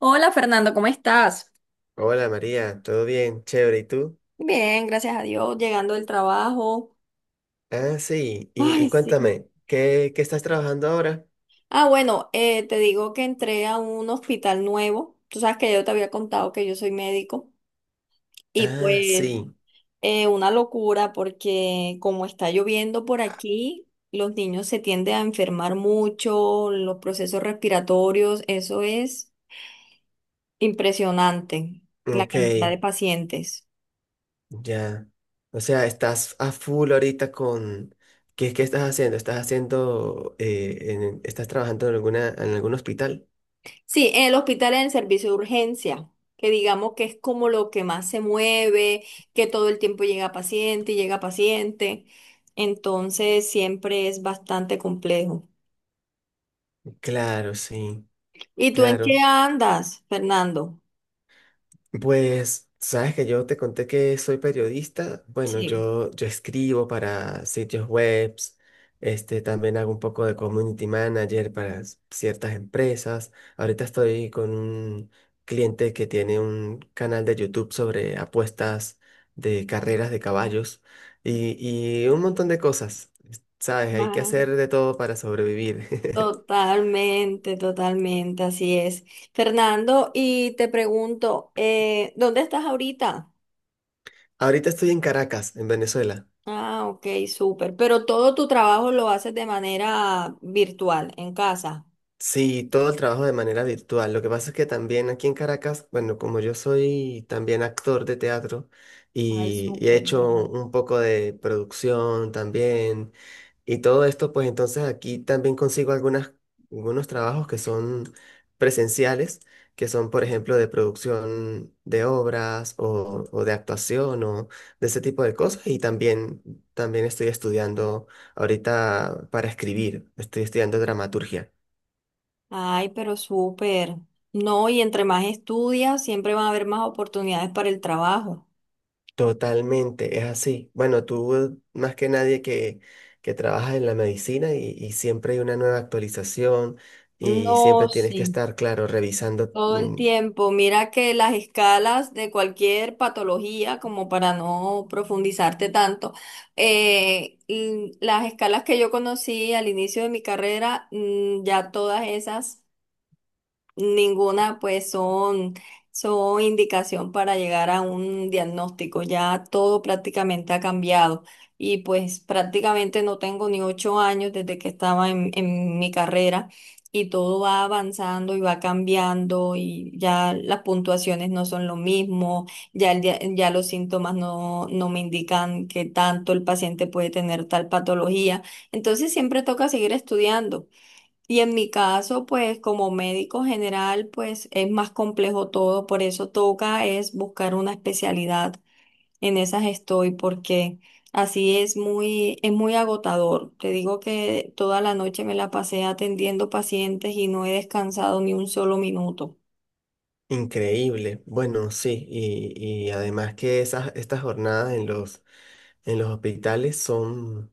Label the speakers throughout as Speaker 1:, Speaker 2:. Speaker 1: Hola Fernando, ¿cómo estás?
Speaker 2: Hola María, ¿todo bien? Chévere, ¿y tú?
Speaker 1: Bien, gracias a Dios, llegando del trabajo.
Speaker 2: Ah, sí, y,
Speaker 1: Ay,
Speaker 2: y
Speaker 1: sí.
Speaker 2: cuéntame, ¿qué estás trabajando ahora?
Speaker 1: Ah, bueno, te digo que entré a un hospital nuevo. Tú sabes que yo te había contado que yo soy médico. Y
Speaker 2: Ah,
Speaker 1: pues,
Speaker 2: sí,
Speaker 1: una locura porque como está lloviendo por aquí, los niños se tienden a enfermar mucho, los procesos respiratorios, eso es impresionante, la
Speaker 2: ok,
Speaker 1: cantidad de pacientes.
Speaker 2: ya. O sea, estás a full ahorita con... ¿Qué estás haciendo? ¿Estás haciendo... estás trabajando en alguna, en algún hospital?
Speaker 1: Sí, en el hospital, en el servicio de urgencia, que digamos que es como lo que más se mueve, que todo el tiempo llega paciente y llega paciente, entonces siempre es bastante complejo.
Speaker 2: Claro, sí,
Speaker 1: ¿Y tú en qué
Speaker 2: claro.
Speaker 1: andas, Fernando?
Speaker 2: Pues, sabes que yo te conté que soy periodista. Bueno,
Speaker 1: Sí.
Speaker 2: yo escribo para sitios webs, también hago un poco de community manager para ciertas empresas. Ahorita estoy con un cliente que tiene un canal de YouTube sobre apuestas de carreras de caballos y, y un montón de cosas. Sabes, hay que
Speaker 1: Ah,
Speaker 2: hacer de todo para sobrevivir.
Speaker 1: totalmente, totalmente, así es. Fernando, y te pregunto, ¿dónde estás ahorita?
Speaker 2: Ahorita estoy en Caracas, en Venezuela.
Speaker 1: Ah, ok, súper. Pero todo tu trabajo lo haces de manera virtual, en casa.
Speaker 2: Sí, todo el trabajo de manera virtual. Lo que pasa es que también aquí en Caracas, bueno, como yo soy también actor de teatro
Speaker 1: Ay,
Speaker 2: y he
Speaker 1: súper, ¿verdad?
Speaker 2: hecho un poco de producción también y todo esto, pues entonces aquí también consigo algunas, algunos trabajos que son presenciales, que son, por ejemplo, de producción de obras o de actuación o de ese tipo de cosas. También estoy estudiando ahorita para escribir, estoy estudiando dramaturgia.
Speaker 1: Ay, pero súper. No, y entre más estudias, siempre van a haber más oportunidades para el trabajo.
Speaker 2: Totalmente, es así. Bueno, tú más que nadie que trabajas en la medicina y siempre hay una nueva actualización y
Speaker 1: No,
Speaker 2: siempre tienes
Speaker 1: sí,
Speaker 2: que estar, claro, revisando.
Speaker 1: todo el tiempo. Mira que las escalas de cualquier patología, como para no profundizarte tanto, las escalas que yo conocí al inicio de mi carrera, ya todas esas ninguna, pues son indicación para llegar a un diagnóstico. Ya todo prácticamente ha cambiado. Y pues prácticamente no tengo ni 8 años desde que estaba en mi carrera y todo va avanzando y va cambiando y ya las puntuaciones no son lo mismo, ya, ya los síntomas no, no me indican que tanto el paciente puede tener tal patología. Entonces siempre toca seguir estudiando. Y en mi caso, pues como médico general, pues es más complejo todo, por eso toca es buscar una especialidad. En esas estoy porque así es muy agotador. Te digo que toda la noche me la pasé atendiendo pacientes y no he descansado ni un solo minuto.
Speaker 2: Increíble. Bueno, sí, y además que estas jornadas en los hospitales son,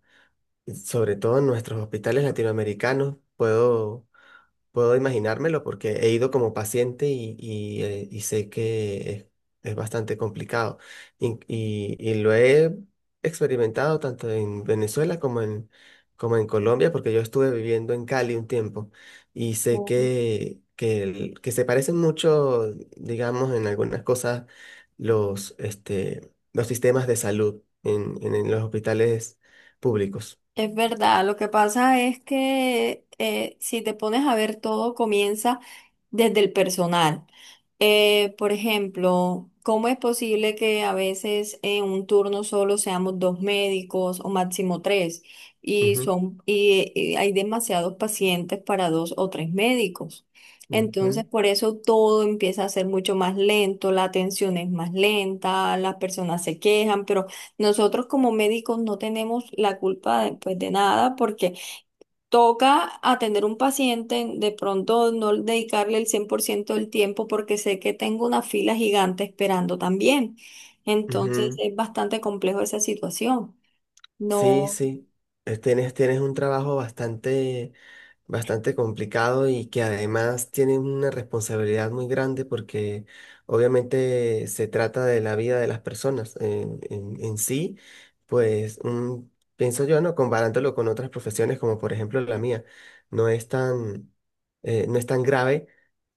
Speaker 2: sobre todo en nuestros hospitales latinoamericanos, puedo. Puedo imaginármelo porque he ido como paciente y sé que es bastante complicado. Y lo he experimentado tanto en Venezuela como en, como en Colombia, porque yo estuve viviendo en Cali un tiempo y sé que se parecen mucho, digamos, en algunas cosas los, los sistemas de salud en los hospitales públicos.
Speaker 1: Es verdad, lo que pasa es que si te pones a ver todo comienza desde el personal. Por ejemplo, ¿cómo es posible que a veces en un turno solo seamos dos médicos o máximo tres y
Speaker 2: Ujú,
Speaker 1: son y, y hay demasiados pacientes para dos o tres médicos?
Speaker 2: ujú,
Speaker 1: Entonces, por eso todo empieza a ser mucho más lento, la atención es más lenta, las personas se quejan, pero nosotros como médicos no tenemos la culpa de, pues, de nada porque toca atender un paciente, de pronto no dedicarle el 100% del tiempo porque sé que tengo una fila gigante esperando también. Entonces
Speaker 2: ujú.
Speaker 1: es bastante complejo esa situación.
Speaker 2: Sí,
Speaker 1: No,
Speaker 2: sí. Tienes, tienes un trabajo bastante, bastante complicado y que además tienen una responsabilidad muy grande porque obviamente se trata de la vida de las personas en, en sí, pues pienso yo, ¿no? Comparándolo con otras profesiones como por ejemplo la mía, no es tan, no es tan grave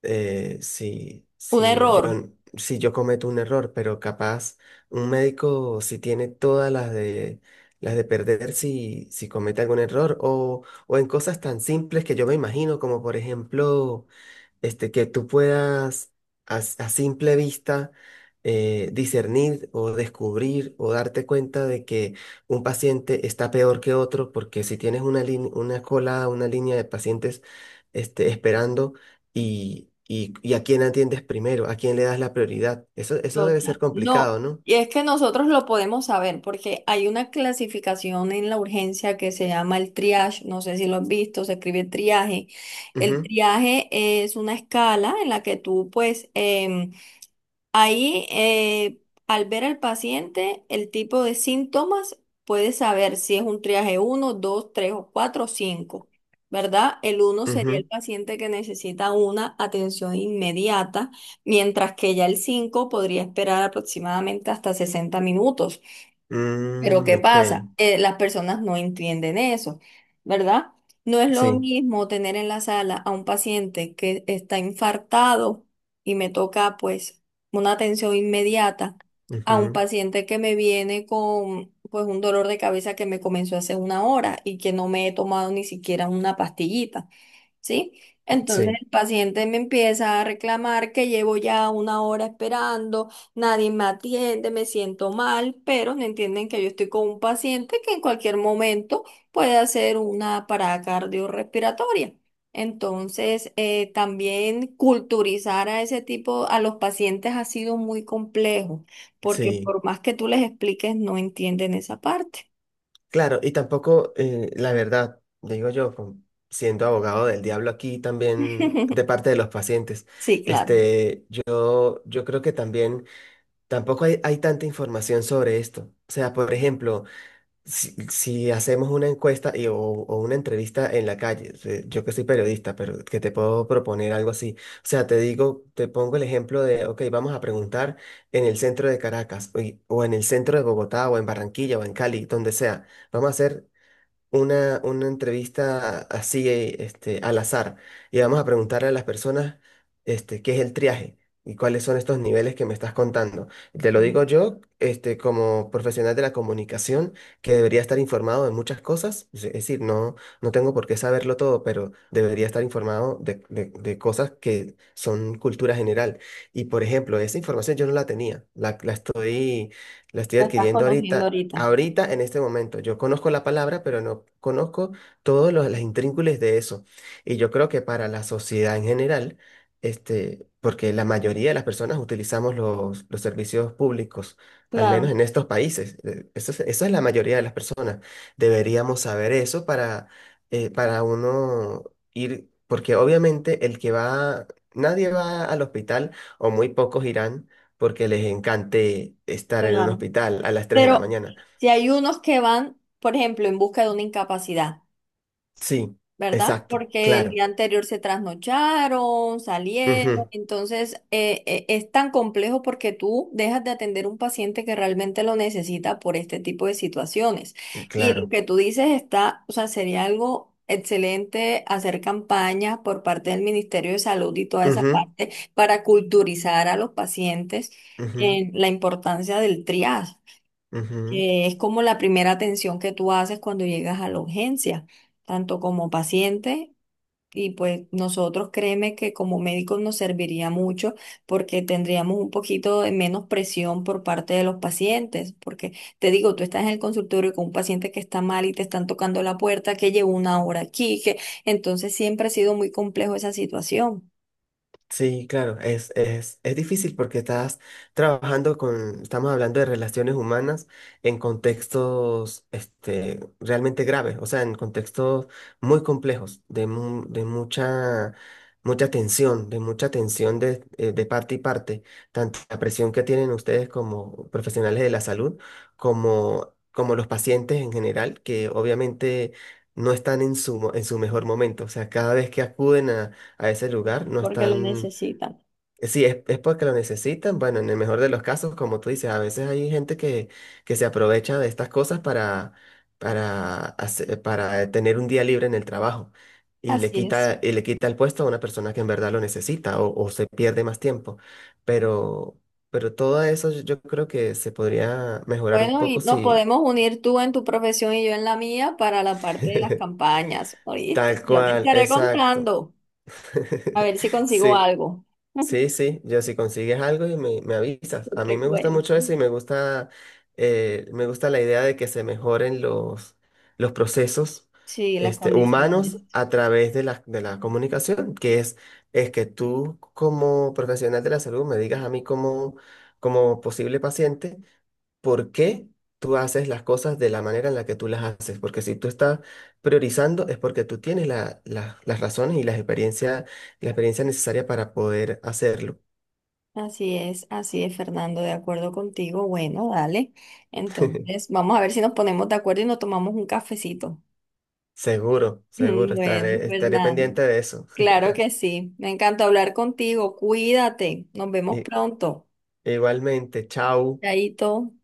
Speaker 1: un
Speaker 2: si yo,
Speaker 1: error.
Speaker 2: si yo cometo un error, pero capaz un médico si tiene todas las de perder si comete algún error o en cosas tan simples que yo me imagino, como por ejemplo, que tú puedas a simple vista discernir o descubrir o darte cuenta de que un paciente está peor que otro, porque si tienes una una cola, una línea de pacientes esperando y a quién atiendes primero, a quién le das la prioridad, eso debe ser
Speaker 1: Total. No,
Speaker 2: complicado, ¿no?
Speaker 1: y es que nosotros lo podemos saber porque hay una clasificación en la urgencia que se llama el triage, no sé si lo has visto, se escribe triaje. El
Speaker 2: Ujú,
Speaker 1: triaje es una escala en la que tú pues Ahí, eh, al ver al paciente, el tipo de síntomas puede saber si es un triaje uno, 2, 3 o 4 o 5, ¿verdad? El uno sería
Speaker 2: ujú.
Speaker 1: el paciente que necesita una atención inmediata, mientras que ya el 5 podría esperar aproximadamente hasta 60 minutos. Pero
Speaker 2: Mm,
Speaker 1: ¿qué
Speaker 2: ok,
Speaker 1: pasa? Las personas no entienden eso, ¿verdad? No es lo
Speaker 2: sí,
Speaker 1: mismo tener en la sala a un paciente que está infartado y me toca pues una atención inmediata a un
Speaker 2: ujú,
Speaker 1: paciente que me viene con pues un dolor de cabeza que me comenzó hace una hora y que no me he tomado ni siquiera una pastillita. ¿Sí? Entonces
Speaker 2: sí,
Speaker 1: el paciente me empieza a reclamar que llevo ya una hora esperando, nadie me atiende, me siento mal, pero no entienden que yo estoy con un paciente que en cualquier momento puede hacer una parada cardiorrespiratoria. Entonces, también culturizar a ese tipo, a los pacientes ha sido muy complejo, porque
Speaker 2: sí.
Speaker 1: por más que tú les expliques, no entienden esa parte.
Speaker 2: Claro, y tampoco, la verdad, digo yo, como siendo abogado del diablo aquí también de parte de los pacientes,
Speaker 1: Sí, claro.
Speaker 2: este, yo, yo creo que también tampoco hay, hay tanta información sobre esto. O sea, por ejemplo, si, si hacemos una encuesta o una entrevista en la calle, yo que soy periodista, pero que te puedo proponer algo así. O sea, te digo, te pongo el ejemplo de, ok, vamos a preguntar en el centro de Caracas, o en el centro de Bogotá, o en Barranquilla, o en Cali, donde sea. Vamos a hacer una entrevista así, al azar. Y vamos a preguntarle a las personas, qué es el triaje y cuáles son estos niveles que me estás contando. Te lo digo yo, como profesional de la comunicación, que debería estar informado de muchas cosas. Es decir, no, no tengo por qué saberlo todo, pero debería estar informado de cosas que son cultura general. Y, por ejemplo, esa información yo no la tenía. La estoy
Speaker 1: La estás
Speaker 2: adquiriendo
Speaker 1: conociendo
Speaker 2: ahorita,
Speaker 1: ahorita.
Speaker 2: ahorita en este momento. Yo conozco la palabra, pero no conozco todos los, las intríngulis de eso. Y yo creo que para la sociedad en general, porque la mayoría de las personas utilizamos los servicios públicos, al
Speaker 1: Claro,
Speaker 2: menos en estos países, eso es la mayoría de las personas. Deberíamos saber eso para uno ir, porque obviamente el que va, nadie va al hospital o muy pocos irán porque les encante estar en un
Speaker 1: claro.
Speaker 2: hospital a las tres de la
Speaker 1: Pero
Speaker 2: mañana.
Speaker 1: si hay unos que van, por ejemplo, en busca de una incapacidad,
Speaker 2: Sí,
Speaker 1: ¿verdad?
Speaker 2: exacto,
Speaker 1: Porque el
Speaker 2: claro.
Speaker 1: día anterior se trasnocharon, salieron,
Speaker 2: Ujú,
Speaker 1: entonces es tan complejo porque tú dejas de atender un paciente que realmente lo necesita por este tipo de situaciones. Y lo
Speaker 2: claro.
Speaker 1: que tú dices está, o sea, sería algo excelente hacer campañas por parte del Ministerio de Salud y toda esa
Speaker 2: Ujú,
Speaker 1: parte para culturizar a los pacientes
Speaker 2: ujú,
Speaker 1: en la importancia del triage,
Speaker 2: ujú.
Speaker 1: que es como la primera atención que tú haces cuando llegas a la urgencia, tanto como paciente. Y pues nosotros créeme que como médicos nos serviría mucho porque tendríamos un poquito de menos presión por parte de los pacientes, porque te digo, tú estás en el consultorio con un paciente que está mal y te están tocando la puerta, que llevo una hora aquí, que entonces siempre ha sido muy complejo esa situación
Speaker 2: Sí, claro, es difícil porque estás trabajando con, estamos hablando de relaciones humanas en contextos realmente graves, o sea, en contextos muy complejos, de, de mucha, mucha tensión de parte y parte, tanto la presión que tienen ustedes como profesionales de la salud, como los pacientes en general, que obviamente no están en su, en su mejor momento, o sea, cada vez que acuden a ese lugar, no
Speaker 1: porque lo
Speaker 2: están...
Speaker 1: necesitan.
Speaker 2: Sí, es porque lo necesitan. Bueno, en el mejor de los casos, como tú dices, a veces hay gente que se aprovecha de estas cosas para, para tener un día libre en el trabajo
Speaker 1: Así es.
Speaker 2: y le quita el puesto a una persona que en verdad lo necesita o se pierde más tiempo. Pero, pero todo eso yo creo que se podría mejorar un
Speaker 1: Bueno, y
Speaker 2: poco
Speaker 1: nos
Speaker 2: si...
Speaker 1: podemos unir tú en tu profesión y yo en la mía para la parte de las campañas, ¿oíste?
Speaker 2: Tal
Speaker 1: Yo te
Speaker 2: cual,
Speaker 1: estaré
Speaker 2: exacto.
Speaker 1: contando, a ver si consigo
Speaker 2: Sí.
Speaker 1: algo.
Speaker 2: Sí, sí, yo si consigues algo me avisas.
Speaker 1: Yo
Speaker 2: A mí
Speaker 1: te
Speaker 2: me gusta mucho
Speaker 1: cuento.
Speaker 2: eso y me gusta la idea de que se mejoren los procesos
Speaker 1: Sí, las
Speaker 2: humanos
Speaker 1: condiciones.
Speaker 2: a través de la comunicación, que es que tú como profesional de la salud me digas a mí como, como posible paciente por qué tú haces las cosas de la manera en la que tú las haces. Porque si tú estás priorizando es porque tú tienes la- las razones y las experiencia, la experiencia necesaria para poder hacerlo.
Speaker 1: Así es, Fernando, de acuerdo contigo. Bueno, dale. Entonces, vamos a ver si nos ponemos de acuerdo y nos tomamos un cafecito.
Speaker 2: Seguro, seguro,
Speaker 1: Bueno,
Speaker 2: estaré
Speaker 1: Fernando.
Speaker 2: pendiente de eso.
Speaker 1: Claro que sí. Me encantó hablar contigo. Cuídate. Nos vemos
Speaker 2: I-
Speaker 1: pronto.
Speaker 2: igualmente, chao.
Speaker 1: Chaito.